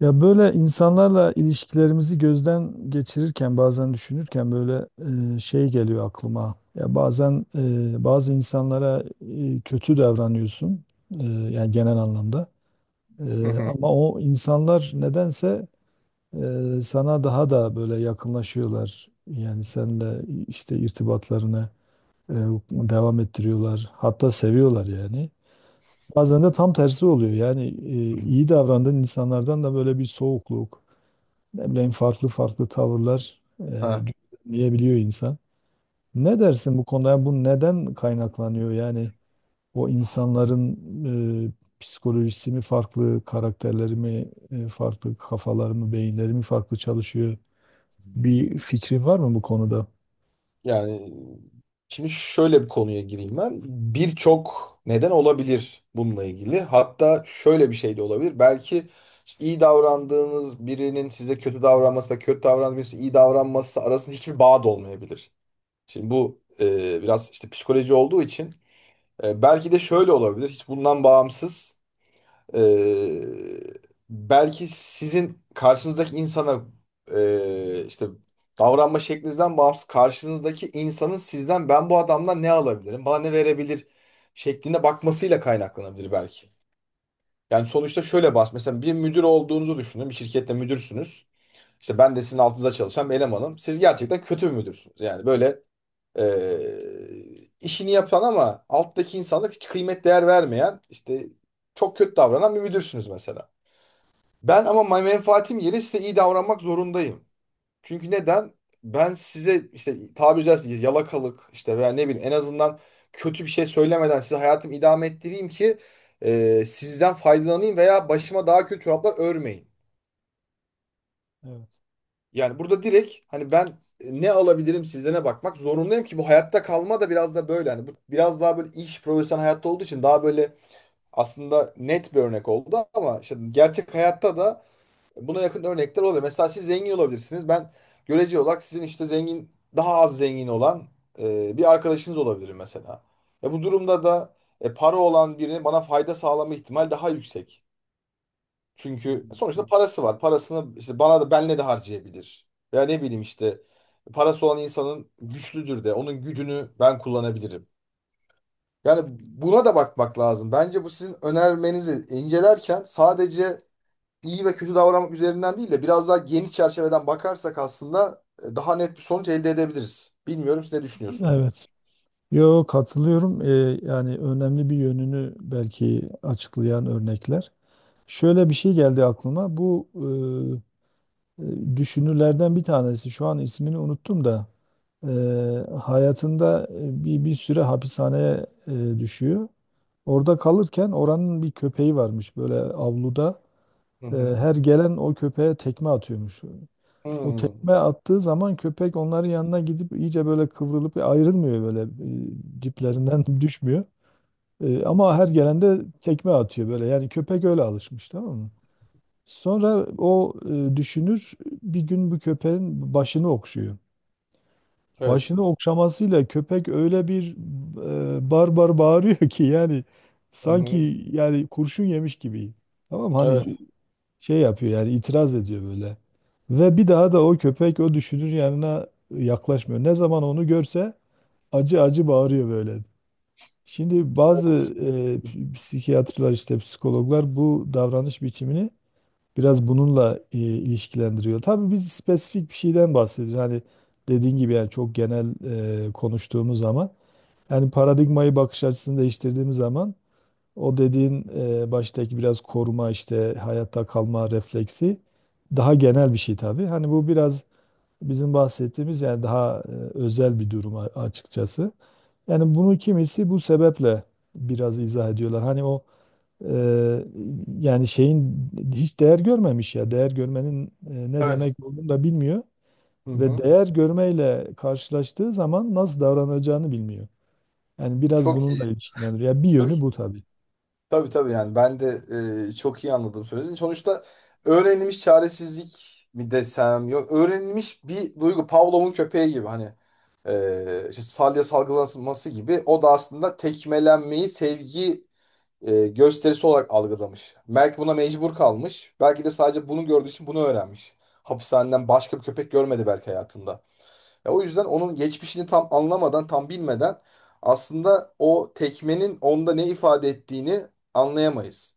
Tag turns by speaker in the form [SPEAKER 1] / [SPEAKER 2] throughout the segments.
[SPEAKER 1] Ya böyle insanlarla ilişkilerimizi gözden geçirirken bazen düşünürken böyle şey geliyor aklıma. Ya bazen bazı insanlara kötü davranıyorsun, yani genel anlamda.
[SPEAKER 2] Hı hı.
[SPEAKER 1] Ama o insanlar nedense sana daha da böyle yakınlaşıyorlar. Yani seninle işte irtibatlarını e, devam ettiriyorlar. Hatta seviyorlar yani. Bazen de tam tersi oluyor. Yani iyi davrandığın insanlardan da böyle bir soğukluk, ne bileyim, farklı farklı tavırlar
[SPEAKER 2] Evet.
[SPEAKER 1] gözlemleyebiliyor insan. Ne dersin bu konuda? Yani bu neden kaynaklanıyor? Yani o insanların psikolojisi mi farklı, karakterleri mi farklı, kafaları mı, beyinleri mi farklı çalışıyor? Bir fikrin var mı bu konuda?
[SPEAKER 2] Yani şimdi şöyle bir konuya gireyim ben. Birçok neden olabilir bununla ilgili. Hatta şöyle bir şey de olabilir. Belki iyi davrandığınız birinin size kötü davranması ve kötü davranan birisi iyi davranması arasında hiçbir bağ da olmayabilir. Şimdi bu biraz işte psikoloji olduğu için belki de şöyle olabilir. Hiç bundan bağımsız. Ee, Belki sizin karşınızdaki insana işte davranma şeklinizden bağımsız karşınızdaki insanın sizden ben bu adamdan ne alabilirim, bana ne verebilir şeklinde bakmasıyla kaynaklanabilir belki. Yani sonuçta şöyle bas mesela bir müdür olduğunuzu düşünün, bir şirkette müdürsünüz. İşte ben de sizin altınızda çalışan bir elemanım. Siz gerçekten kötü bir müdürsünüz. Yani böyle işini yapan ama alttaki insanlık hiç kıymet değer vermeyen işte çok kötü davranan bir müdürsünüz mesela. Ben ama menfaatim yeri size iyi davranmak zorundayım. Çünkü neden? Ben size işte tabiri caizse yalakalık işte veya ne bileyim en azından kötü bir şey söylemeden size hayatımı idame ettireyim ki sizden faydalanayım veya başıma daha kötü çoraplar örmeyin.
[SPEAKER 1] Evet.
[SPEAKER 2] Yani burada direkt hani ben ne alabilirim sizlere bakmak zorundayım ki bu hayatta kalma da biraz da böyle. Hani bu biraz daha böyle iş profesyonel hayatta olduğu için daha böyle aslında net bir örnek oldu ama işte gerçek hayatta da buna yakın örnekler oluyor. Mesela siz zengin olabilirsiniz. Ben görece olarak sizin işte zengin, daha az zengin olan bir arkadaşınız olabilirim mesela. Bu durumda da para olan birine bana fayda sağlama ihtimal daha yüksek. Çünkü
[SPEAKER 1] Hmm,
[SPEAKER 2] sonuçta
[SPEAKER 1] evet.
[SPEAKER 2] parası var. Parasını işte bana da benle de harcayabilir. Ya ne bileyim işte parası olan insanın güçlüdür de onun gücünü ben kullanabilirim. Yani buna da bakmak lazım. Bence bu sizin önermenizi incelerken sadece iyi ve kötü davranmak üzerinden değil de biraz daha geniş çerçeveden bakarsak aslında daha net bir sonuç elde edebiliriz. Bilmiyorum siz ne düşünüyorsunuz?
[SPEAKER 1] Evet. Yo, katılıyorum. Yani önemli bir yönünü belki açıklayan örnekler. Şöyle bir şey geldi aklıma. Bu e, düşünürlerden bir tanesi. Şu an ismini unuttum da e, hayatında bir süre hapishaneye düşüyor. Orada kalırken oranın bir köpeği varmış böyle avluda.
[SPEAKER 2] Hı hı.
[SPEAKER 1] Her gelen o köpeğe tekme atıyormuş. O
[SPEAKER 2] Hmm.
[SPEAKER 1] tekme attığı zaman köpek onların yanına gidip iyice böyle kıvrılıp ayrılmıyor böyle, diplerinden düşmüyor. Ama her gelende tekme atıyor böyle. Yani köpek öyle alışmış, tamam mı? Sonra o düşünür bir gün bu köpeğin başını okşuyor.
[SPEAKER 2] Evet.
[SPEAKER 1] Başını okşamasıyla köpek öyle bir barbar bağırıyor ki, yani
[SPEAKER 2] Hı hı.
[SPEAKER 1] sanki yani kurşun yemiş gibi. Tamam mı?
[SPEAKER 2] Evet.
[SPEAKER 1] Hani şey yapıyor yani, itiraz ediyor böyle. Ve bir daha da o köpek o düşünür yanına yaklaşmıyor. Ne zaman onu görse acı acı bağırıyor böyle. Şimdi bazı psikiyatrlar, işte psikologlar, bu davranış biçimini biraz bununla ilişkilendiriyor. Tabii biz spesifik bir şeyden bahsediyoruz. Hani dediğin gibi, yani çok genel konuştuğumuz zaman, yani paradigmayı, bakış açısını değiştirdiğimiz zaman, o dediğin baştaki biraz koruma, işte hayatta kalma refleksi, daha genel bir şey tabii. Hani bu biraz bizim bahsettiğimiz yani daha özel bir durum, açıkçası. Yani bunu kimisi bu sebeple biraz izah ediyorlar. Hani o, Eee, yani şeyin hiç değer görmemiş ya. Değer görmenin ne
[SPEAKER 2] Evet.
[SPEAKER 1] demek olduğunu da bilmiyor
[SPEAKER 2] Hı
[SPEAKER 1] ve
[SPEAKER 2] hı.
[SPEAKER 1] değer görmeyle karşılaştığı zaman nasıl davranacağını bilmiyor. Yani biraz
[SPEAKER 2] Çok iyi.
[SPEAKER 1] bununla ilişkilendiriyor. Ya, bir
[SPEAKER 2] Çok
[SPEAKER 1] yönü
[SPEAKER 2] iyi.
[SPEAKER 1] bu tabii.
[SPEAKER 2] Tabii tabii yani ben de çok iyi anladım söylediğinizi. Sonuçta öğrenilmiş çaresizlik mi desem yok öğrenilmiş bir duygu Pavlov'un köpeği gibi hani işte salya salgılanması gibi o da aslında tekmelenmeyi sevgi gösterisi olarak algılamış. Belki buna mecbur kalmış. Belki de sadece bunu gördüğü için bunu öğrenmiş. Hapishaneden başka bir köpek görmedi belki hayatında. Ya o yüzden onun geçmişini tam anlamadan, tam bilmeden aslında o tekmenin onda ne ifade ettiğini anlayamayız.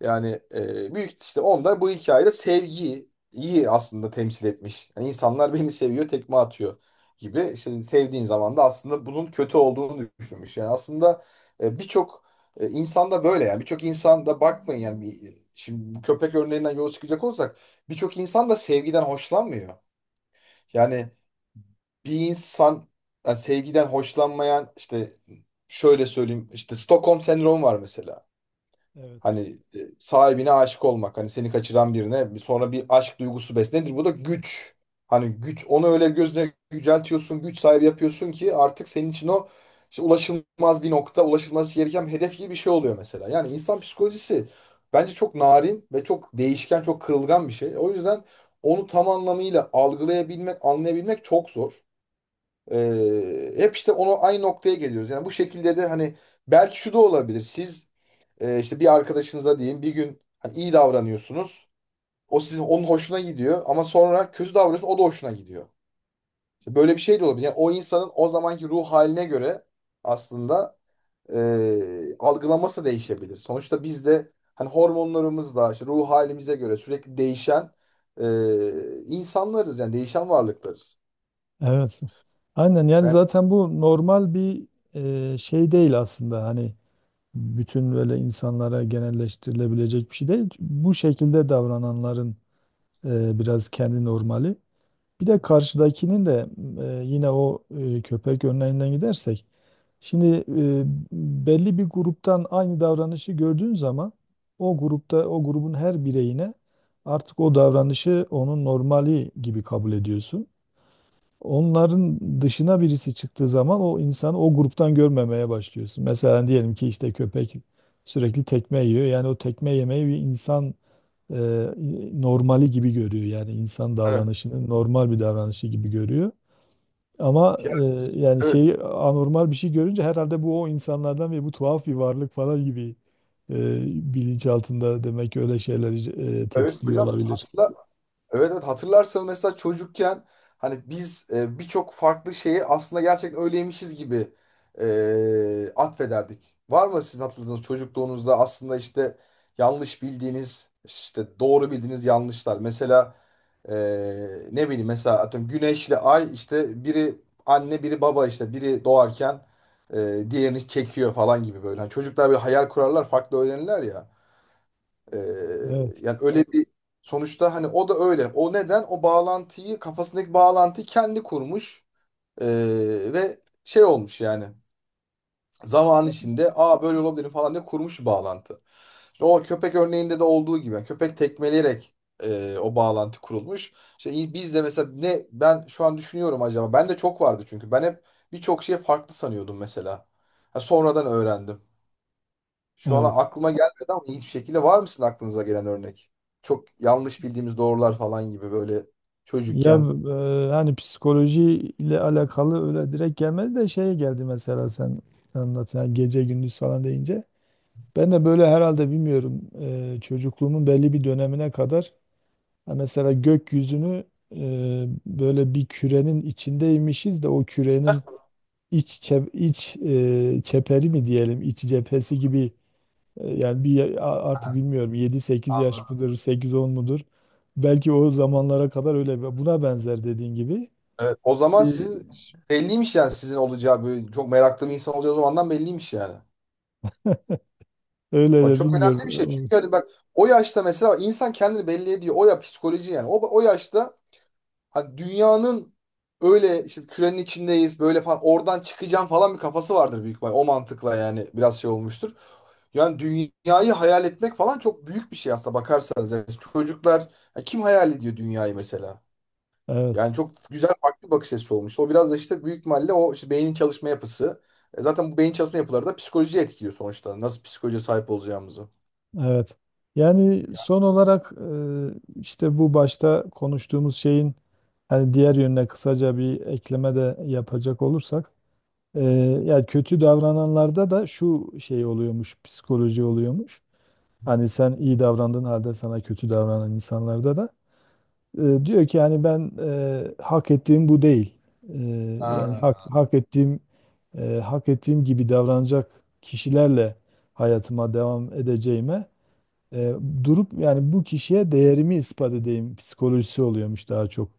[SPEAKER 2] Yani büyük işte onda bu hikayede sevgiyi iyi aslında temsil etmiş. Yani insanlar beni seviyor, tekme atıyor gibi. İşte sevdiğin zaman da aslında bunun kötü olduğunu düşünmüş. Yani aslında birçok insanda böyle yani birçok insanda bakmayın yani bir, şimdi bu köpek örneğinden yola çıkacak olsak birçok insan da sevgiden hoşlanmıyor. Yani bir insan yani sevgiden hoşlanmayan işte şöyle söyleyeyim işte Stockholm sendromu var mesela.
[SPEAKER 1] Evet.
[SPEAKER 2] Hani sahibine aşık olmak. Hani seni kaçıran birine sonra bir aşk duygusu beslenir. Bu da güç. Hani güç onu öyle gözüne yüceltiyorsun, güç sahibi yapıyorsun ki artık senin için o işte ulaşılmaz bir nokta, ulaşılması gereken bir hedef gibi bir şey oluyor mesela. Yani insan psikolojisi bence çok narin ve çok değişken, çok kırılgan bir şey. O yüzden onu tam anlamıyla algılayabilmek, anlayabilmek çok zor. Hep işte onu aynı noktaya geliyoruz. Yani bu şekilde de hani belki şu da olabilir. Siz işte bir arkadaşınıza diyeyim bir gün hani iyi davranıyorsunuz. O sizin onun hoşuna gidiyor ama sonra kötü davranıyorsun o da hoşuna gidiyor. İşte böyle bir şey de olabilir. Yani o insanın o zamanki ruh haline göre aslında algılaması değişebilir. Sonuçta biz de hani hormonlarımızla işte ruh halimize göre sürekli değişen e, insanlarız yani değişen varlıklarız.
[SPEAKER 1] Evet. Aynen, yani
[SPEAKER 2] Yani
[SPEAKER 1] zaten bu normal bir şey değil aslında. Hani bütün böyle insanlara genelleştirilebilecek bir şey değil. Bu şekilde davrananların biraz kendi normali. Bir de karşıdakinin de yine o köpek örneğinden gidersek, şimdi belli bir gruptan aynı davranışı gördüğün zaman, o grupta, o grubun her bireyine artık o davranışı onun normali gibi kabul ediyorsun. Onların dışına birisi çıktığı zaman o insanı o gruptan görmemeye başlıyorsun. Mesela diyelim ki işte köpek sürekli tekme yiyor. Yani o tekme yemeyi bir insan e, normali gibi görüyor. Yani insan
[SPEAKER 2] evet,
[SPEAKER 1] davranışını normal bir davranışı gibi görüyor. Ama
[SPEAKER 2] ya,
[SPEAKER 1] yani
[SPEAKER 2] evet,
[SPEAKER 1] şeyi, anormal bir şey görünce, herhalde bu o insanlardan ve bu tuhaf bir varlık falan gibi e, bilinçaltında demek ki öyle şeyler
[SPEAKER 2] evet
[SPEAKER 1] tetikliyor
[SPEAKER 2] hocam
[SPEAKER 1] olabilir.
[SPEAKER 2] evet evet hatırlarsanız mesela çocukken hani biz birçok farklı şeyi aslında gerçekten öyleymişiz gibi atfederdik. Var mı sizin hatırladığınız çocukluğunuzda aslında işte yanlış bildiğiniz işte doğru bildiğiniz yanlışlar. Mesela e, ne bileyim mesela atıyorum güneşle ay işte biri anne biri baba işte biri doğarken diğerini çekiyor falan gibi böyle. Hani çocuklar bir hayal kurarlar farklı öğrenirler ya. Ee,
[SPEAKER 1] Evet,
[SPEAKER 2] Yani öyle bir sonuçta hani o da öyle. O neden? O bağlantıyı Kafasındaki bağlantıyı kendi kurmuş Ee, ve şey olmuş yani. Zaman içinde aa böyle olabilir falan diye kurmuş bir bağlantı. İşte o köpek örneğinde de olduğu gibi yani köpek tekmeleyerek o bağlantı kurulmuş. İşte biz de mesela ne ben şu an düşünüyorum acaba. Ben de çok vardı çünkü ben hep birçok şeyi farklı sanıyordum mesela. Ha, sonradan öğrendim. Şu an
[SPEAKER 1] evet.
[SPEAKER 2] aklıma gelmedi ama ilginç bir şekilde var mısın aklınıza gelen örnek? Çok yanlış bildiğimiz doğrular falan gibi böyle
[SPEAKER 1] Ya,
[SPEAKER 2] çocukken.
[SPEAKER 1] hani psikoloji ile alakalı öyle direkt gelmedi de şeye geldi, mesela sen anlat yani, gece gündüz falan deyince. Ben de böyle herhalde, bilmiyorum, çocukluğumun belli bir dönemine kadar. Ha, mesela gökyüzünü böyle bir kürenin içindeymişiz de, o kürenin iç çeperi mi diyelim, iç cephesi gibi, yani bir artık
[SPEAKER 2] Aha,
[SPEAKER 1] bilmiyorum, yedi sekiz yaş
[SPEAKER 2] anladım.
[SPEAKER 1] mıdır, sekiz on mudur? Belki o zamanlara kadar öyle buna benzer, dediğin gibi.
[SPEAKER 2] Evet, o
[SPEAKER 1] E,
[SPEAKER 2] zaman sizin belliymiş yani sizin olacağı böyle çok meraklı bir insan olacağı o zamandan belliymiş yani.
[SPEAKER 1] Öyle
[SPEAKER 2] O
[SPEAKER 1] de
[SPEAKER 2] çok önemli bir şey çünkü
[SPEAKER 1] bilmiyorum.
[SPEAKER 2] hani bak o yaşta mesela insan kendini belli ediyor. O ya psikoloji yani. O, o yaşta hani dünyanın öyle işte kürenin içindeyiz böyle falan oradan çıkacağım falan bir kafası vardır büyük ihtimal. O mantıkla yani biraz şey olmuştur. Yani dünyayı hayal etmek falan çok büyük bir şey aslında bakarsanız. Yani çocuklar ya kim hayal ediyor dünyayı mesela?
[SPEAKER 1] Evet.
[SPEAKER 2] Yani çok güzel farklı bir bakış açısı olmuş. O biraz da işte büyük ihtimalle o işte beynin çalışma yapısı. E zaten bu beyin çalışma yapıları da psikolojiyi etkiliyor sonuçta. Nasıl psikolojiye sahip olacağımızı.
[SPEAKER 1] Evet. Yani son olarak işte bu başta konuştuğumuz şeyin hani diğer yönüne kısaca bir ekleme de yapacak olursak, Ee, yani kötü davrananlarda da şu şey oluyormuş, psikoloji oluyormuş. Hani sen iyi davrandığın halde sana kötü davranan insanlarda da diyor ki yani ben, hak ettiğim bu değil. E, Yani
[SPEAKER 2] Ha,
[SPEAKER 1] hak ettiğim gibi davranacak kişilerle hayatıma devam edeceğime, e, durup yani bu kişiye değerimi ispat edeyim psikolojisi oluyormuş daha çok.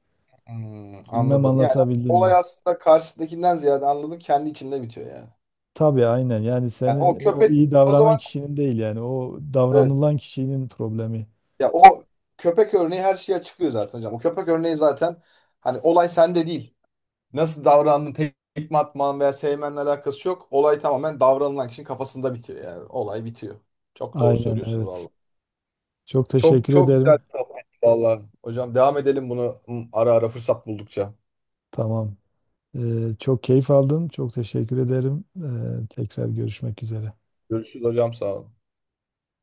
[SPEAKER 2] hmm,
[SPEAKER 1] Bilmem
[SPEAKER 2] anladım. Yani
[SPEAKER 1] anlatabildim
[SPEAKER 2] olay
[SPEAKER 1] mi?
[SPEAKER 2] aslında karşıdakinden ziyade anladım kendi içinde bitiyor yani.
[SPEAKER 1] Tabii, aynen yani,
[SPEAKER 2] Yani o
[SPEAKER 1] senin o
[SPEAKER 2] köpek
[SPEAKER 1] iyi
[SPEAKER 2] o zaman
[SPEAKER 1] davranan kişinin değil, yani o
[SPEAKER 2] evet.
[SPEAKER 1] davranılan kişinin problemi.
[SPEAKER 2] Ya o köpek örneği her şeyi açıklıyor zaten hocam. O köpek örneği zaten hani olay sende değil. Nasıl davrandın, tekme atman veya sevmenle alakası yok. Olay tamamen davranılan kişinin kafasında bitiyor yani. Olay bitiyor. Çok doğru
[SPEAKER 1] Aynen,
[SPEAKER 2] söylüyorsunuz
[SPEAKER 1] evet.
[SPEAKER 2] valla.
[SPEAKER 1] Çok
[SPEAKER 2] Çok
[SPEAKER 1] teşekkür
[SPEAKER 2] çok güzel
[SPEAKER 1] ederim.
[SPEAKER 2] bir sohbetti valla. Hocam devam edelim bunu hı, ara ara fırsat buldukça.
[SPEAKER 1] Tamam. Çok keyif aldım. Çok teşekkür ederim. Tekrar görüşmek üzere.
[SPEAKER 2] Görüşürüz hocam sağ olun.